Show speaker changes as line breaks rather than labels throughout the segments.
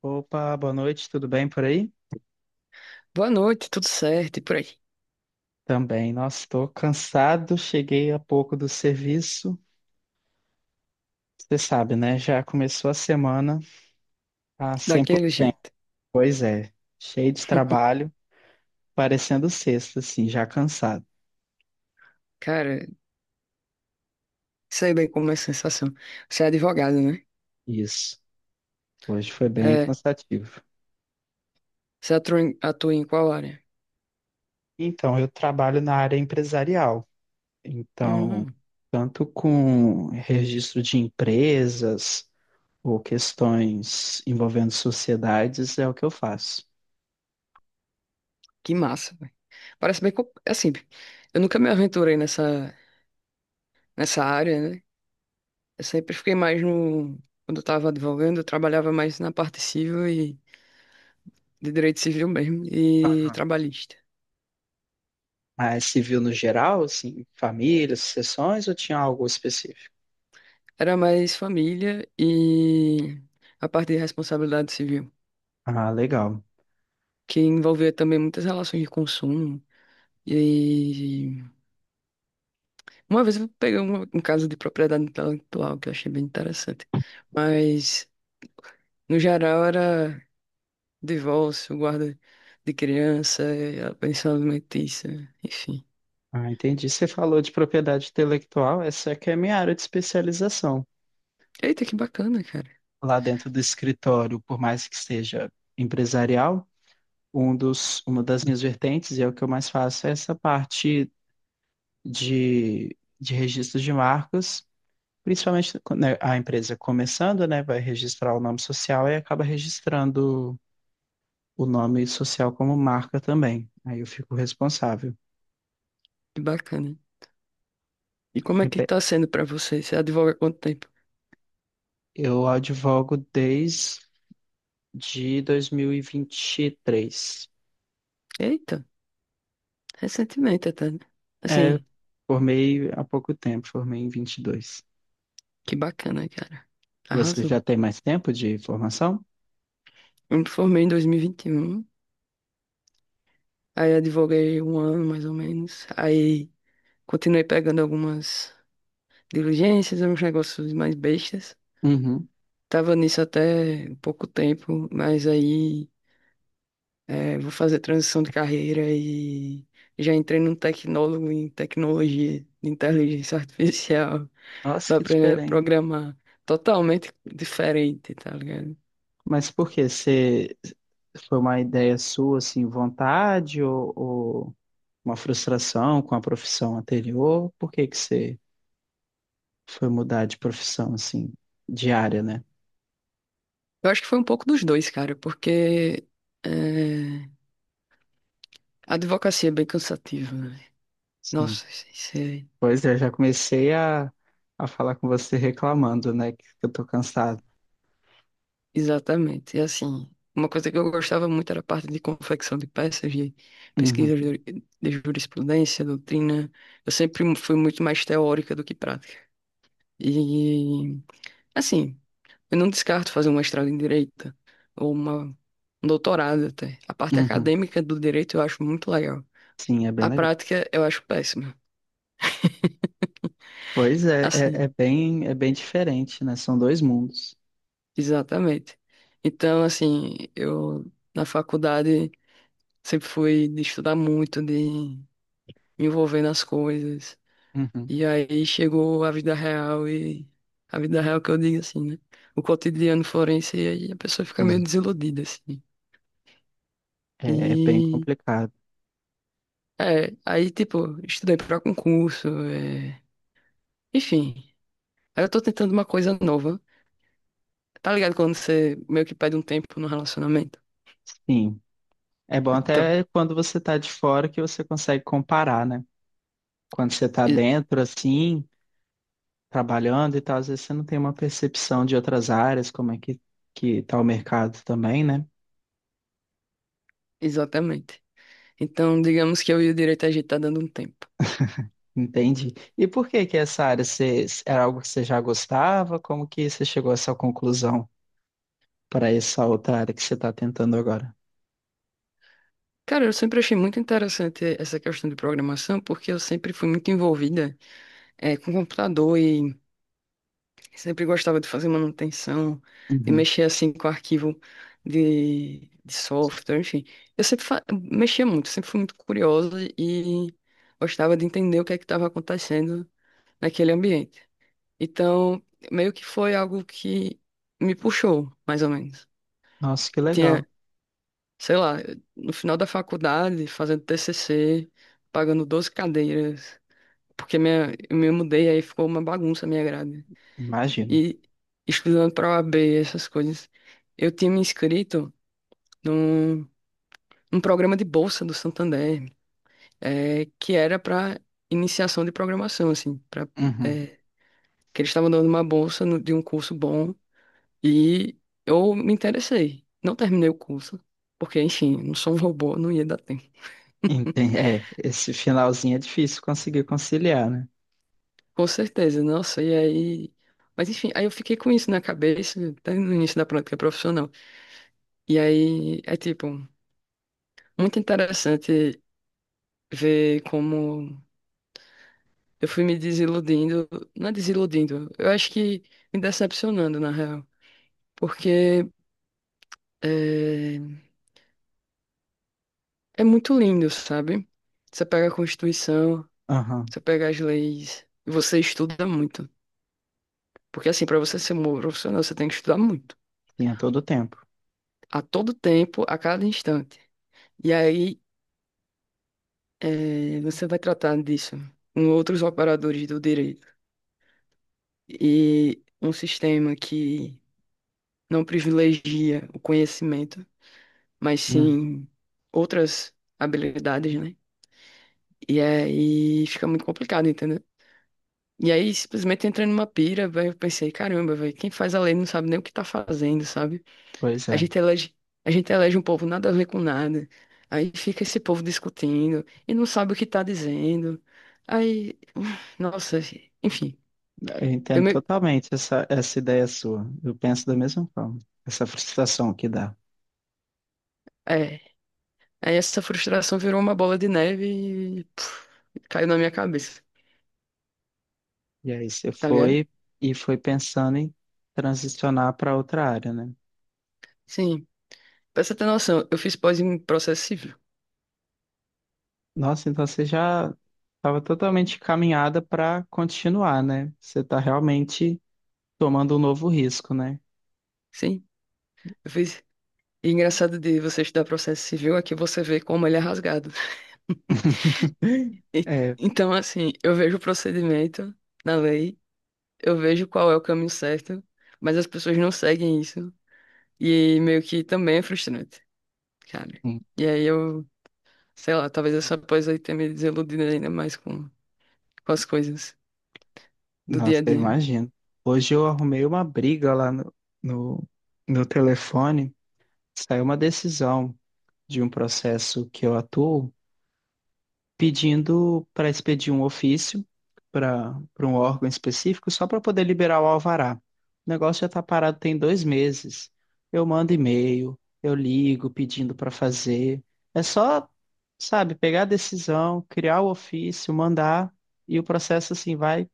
Opa, boa noite, tudo bem por aí?
Boa noite, tudo certo e por aí.
Também, nossa, estou cansado, cheguei há pouco do serviço. Você sabe, né? Já começou a semana, tá sempre,
Daquele jeito.
pois é, cheio de trabalho, parecendo sexta, assim, já cansado.
Cara, sei bem como é a sensação. Você é advogado, né?
Isso, hoje foi bem
É,
cansativo.
você atua em, qual área?
Então, eu trabalho na área empresarial, então,
Hum,
tanto com registro de empresas ou questões envolvendo sociedades, é o que eu faço.
que massa, velho. Parece bem. Assim, eu nunca me aventurei nessa área, né? Eu sempre fiquei mais no. Quando eu tava advogando, eu trabalhava mais na parte civil e de direito civil mesmo e trabalhista.
Mas se viu no geral, assim, famílias, sucessões, ou tinha algo específico?
Era mais família e a parte de responsabilidade civil,
Ah, legal.
que envolvia também muitas relações de consumo. E aí, uma vez eu peguei um caso de propriedade intelectual que eu achei bem interessante. Mas, no geral, era divórcio, guarda de criança, a pensão alimentícia, enfim.
Ah, entendi. Você falou de propriedade intelectual, essa é que é a minha área de especialização.
Eita, que bacana, cara.
Lá dentro do escritório, por mais que seja empresarial, uma das minhas vertentes, e é o que eu mais faço, é essa parte de registro de marcas, principalmente quando né, a empresa começando, né, vai registrar o nome social e acaba registrando o nome social como marca também. Aí eu fico responsável.
Que bacana. E como é
É
que
pe-
tá sendo pra você? Você advoga há quanto tempo?
Eu advogo desde 2023.
Eita, recentemente até, né?
É,
Assim,
formei há pouco tempo, formei em 22.
que bacana, cara.
Você
Arrasou.
já tem mais tempo de formação?
Eu me formei em 2021, aí advoguei um ano mais ou menos, aí continuei pegando algumas. Diligências, uns negócios mais bestas.
Uhum.
Tava nisso até pouco tempo, mas aí é, vou fazer transição de carreira e já entrei num tecnólogo em tecnologia de inteligência artificial,
Nossa,
dá
que
pra
diferente.
programar totalmente diferente, tá ligado?
Mas por quê? Você foi uma ideia sua, assim, vontade ou uma frustração com a profissão anterior? Por que que você foi mudar de profissão, assim, de área, né?
Eu acho que foi um pouco dos dois, cara, porque é, a advocacia é bem cansativa, né?
Sim.
Nossa, isso é.
Pois é, eu já comecei a falar com você reclamando, né, que eu tô cansado.
Exatamente. E assim, uma coisa que eu gostava muito era a parte de confecção de peças, de
Uhum,
pesquisa de jurisprudência, doutrina. Eu sempre fui muito mais teórica do que prática. E, assim, eu não descarto fazer um mestrado em direito ou um doutorado até. A parte
uhum.
acadêmica do direito eu acho muito legal.
Sim, é bem
A
legal.
prática eu acho péssima.
Pois é, é,
Assim,
é bem, é bem diferente, né? São dois mundos.
exatamente. Então, assim, eu na faculdade sempre fui de estudar muito, de envolvendo as coisas.
Uhum,
E aí chegou a vida real e a vida real que eu digo assim, né? O cotidiano forense e aí a pessoa fica
sim,
meio desiludida, assim.
é, é bem
E
complicado.
é, aí tipo, estudei pra concurso, é... enfim. Aí eu tô tentando uma coisa nova. Tá ligado quando você meio que perde um tempo no relacionamento?
Sim, é bom
Então,
até quando você tá de fora que você consegue comparar, né? Quando você tá
e-
dentro, assim, trabalhando e tal, às vezes você não tem uma percepção de outras áreas, como é que tá o mercado também, né?
exatamente. Então, digamos que eu e o direito a gente tá dando um tempo.
Entendi. E por que que essa área você, era algo que você já gostava? Como que você chegou a essa conclusão para essa outra área que você está tentando agora?
Cara, eu sempre achei muito interessante essa questão de programação, porque eu sempre fui muito envolvida é, com computador e sempre gostava de fazer manutenção, de
Uhum.
mexer assim com arquivo de software, enfim. Eu sempre mexia muito, sempre fui muito curiosa e gostava de entender o que é que estava acontecendo naquele ambiente. Então, meio que foi algo que me puxou, mais ou menos.
Nossa, que legal.
Tinha, sei lá, no final da faculdade, fazendo TCC, pagando 12 cadeiras, porque minha, eu me mudei, aí ficou uma bagunça a minha grade.
Imagino.
E estudando para o OAB, essas coisas, eu tinha me inscrito num, num programa de bolsa do Santander, é, que era para iniciação de programação, assim, pra,
Uhum.
é, que eles estavam dando uma bolsa de um curso bom e eu me interessei. Não terminei o curso, porque, enfim, não sou um robô, não ia dar tempo.
Entendi. É, esse finalzinho é difícil conseguir conciliar, né?
Com certeza, nossa, e aí. Mas enfim, aí eu fiquei com isso na cabeça, até no início da prática profissional. E aí é tipo, muito interessante ver como eu fui me desiludindo, não é desiludindo, eu acho que me decepcionando, na real, porque é, é muito lindo, sabe? Você pega a Constituição,
Aham.
você pega as leis, e você estuda muito. Porque, assim, para você ser um bom profissional, você tem que estudar muito,
Tinha todo o tempo.
a todo tempo, a cada instante. E aí, é, você vai tratar disso com outros operadores do direito. E um sistema que não privilegia o conhecimento mas
Hum.
sim outras habilidades, né? E aí fica muito complicado, entendeu? E aí simplesmente entra numa pira, velho, eu pensei, caramba, velho, quem faz a lei não sabe nem o que tá fazendo, sabe?
Pois
A
é.
gente elege, a gente elege um povo nada a ver com nada. Aí fica esse povo discutindo e não sabe o que tá dizendo. Aí, nossa, enfim,
Eu
eu
entendo
me,
totalmente essa ideia sua. Eu penso da mesma forma. Essa frustração que dá.
é, aí essa frustração virou uma bola de neve e puf, caiu na minha cabeça,
E aí você
tá ligado?
foi e foi pensando em transicionar para outra área, né?
Sim. Pra você ter noção, eu fiz pós em processo civil.
Nossa, então você já estava totalmente caminhada para continuar, né? Você está realmente tomando um novo risco, né?
Sim, eu fiz. E é engraçado de você estudar processo civil é que você vê como ele é rasgado. E-
É,
Então, assim, eu vejo o procedimento na lei, eu vejo qual é o caminho certo, mas as pessoas não seguem isso. E meio que também é frustrante, sabe?
hum,
E aí eu, sei lá, talvez essa pós aí tenha me desiludido ainda mais com as coisas do dia
nossa,
a
eu
dia.
imagino. Hoje eu arrumei uma briga lá no, no telefone, saiu uma decisão de um processo que eu atuo, pedindo para expedir um ofício para um órgão específico só para poder liberar o alvará. O negócio já está parado tem 2 meses. Eu mando e-mail, eu ligo pedindo para fazer. É só, sabe, pegar a decisão, criar o ofício, mandar e o processo assim vai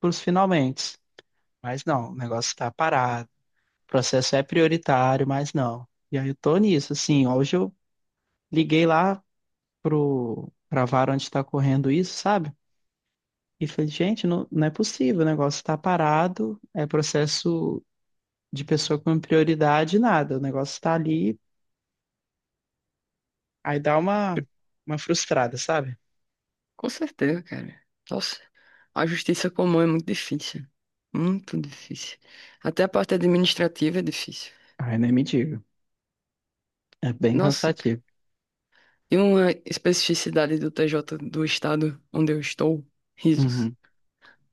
para os finalmente. Mas não, o negócio está parado. O processo é prioritário, mas não. E aí eu tô nisso, assim, hoje eu liguei lá pro para a vara onde está correndo isso, sabe? E falei, gente, não, não é possível, o negócio está parado, é processo de pessoa com prioridade, nada, o negócio está ali, aí dá uma frustrada, sabe?
Com certeza, cara. Nossa. A justiça comum é muito difícil. Muito difícil. Até a parte administrativa é difícil.
Ai, nem me diga, é bem
Nossa, cara.
cansativo.
E uma especificidade do TJ do estado onde eu estou, risos,
Uhum.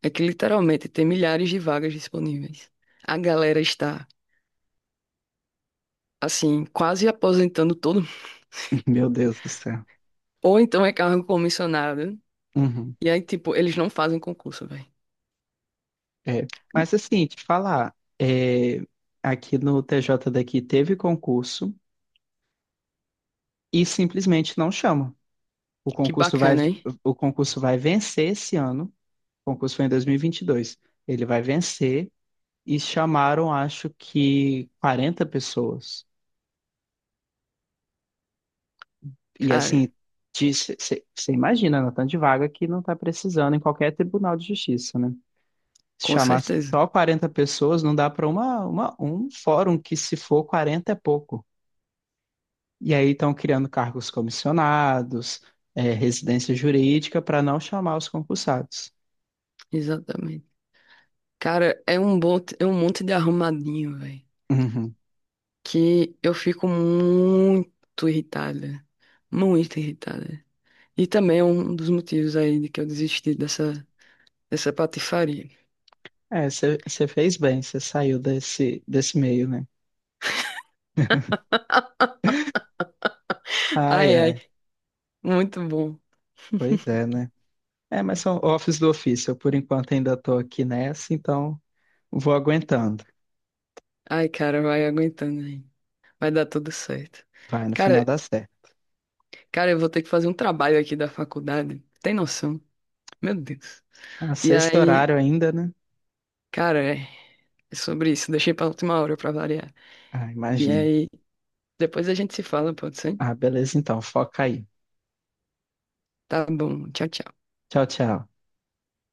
é que literalmente tem milhares de vagas disponíveis. A galera está, assim, quase aposentando todo mundo.
Meu Deus do céu.
Ou então é cargo comissionado.
Uhum.
E aí, tipo, eles não fazem concurso, velho.
É. Mas assim, te falar, é, aqui no TJ daqui teve concurso e simplesmente não chama. O
Que
concurso vai,
bacana, hein?
o concurso vai vencer esse ano, o concurso foi em 2022, ele vai vencer e chamaram, acho que 40 pessoas. E
Cara,
assim, você imagina, na tanto de vaga que não está precisando em qualquer tribunal de justiça, né? Se
com
chamar
certeza.
só 40 pessoas, não dá para um fórum que, se for 40 é pouco. E aí estão criando cargos comissionados, é, residência jurídica, para não chamar os concursados.
Exatamente. Cara, é um, bot... é um monte de arrumadinho, velho.
Uhum.
Que eu fico muito irritada, muito irritada. E também é um dos motivos aí de que eu desisti dessa patifaria.
É, você fez bem, você saiu desse meio, né? Ai,
Ai, ai,
ai.
muito bom.
Pois é, né? É, mas são office do ofício. Eu, por enquanto, ainda estou aqui nessa, então vou aguentando.
Ai, cara, vai aguentando aí. Vai dar tudo certo.
Vai, no final
Cara,
dá certo.
cara, eu vou ter que fazer um trabalho aqui da faculdade. Tem noção? Meu Deus.
Ah,
E
sexto
aí,
horário ainda, né?
cara, é sobre isso. Deixei pra última hora pra variar.
Ah,
E
imagino.
aí, depois a gente se fala, pode ser?
Ah, beleza, então. Foca aí.
Tá bom. Tchau, tchau.
Tchau, tchau.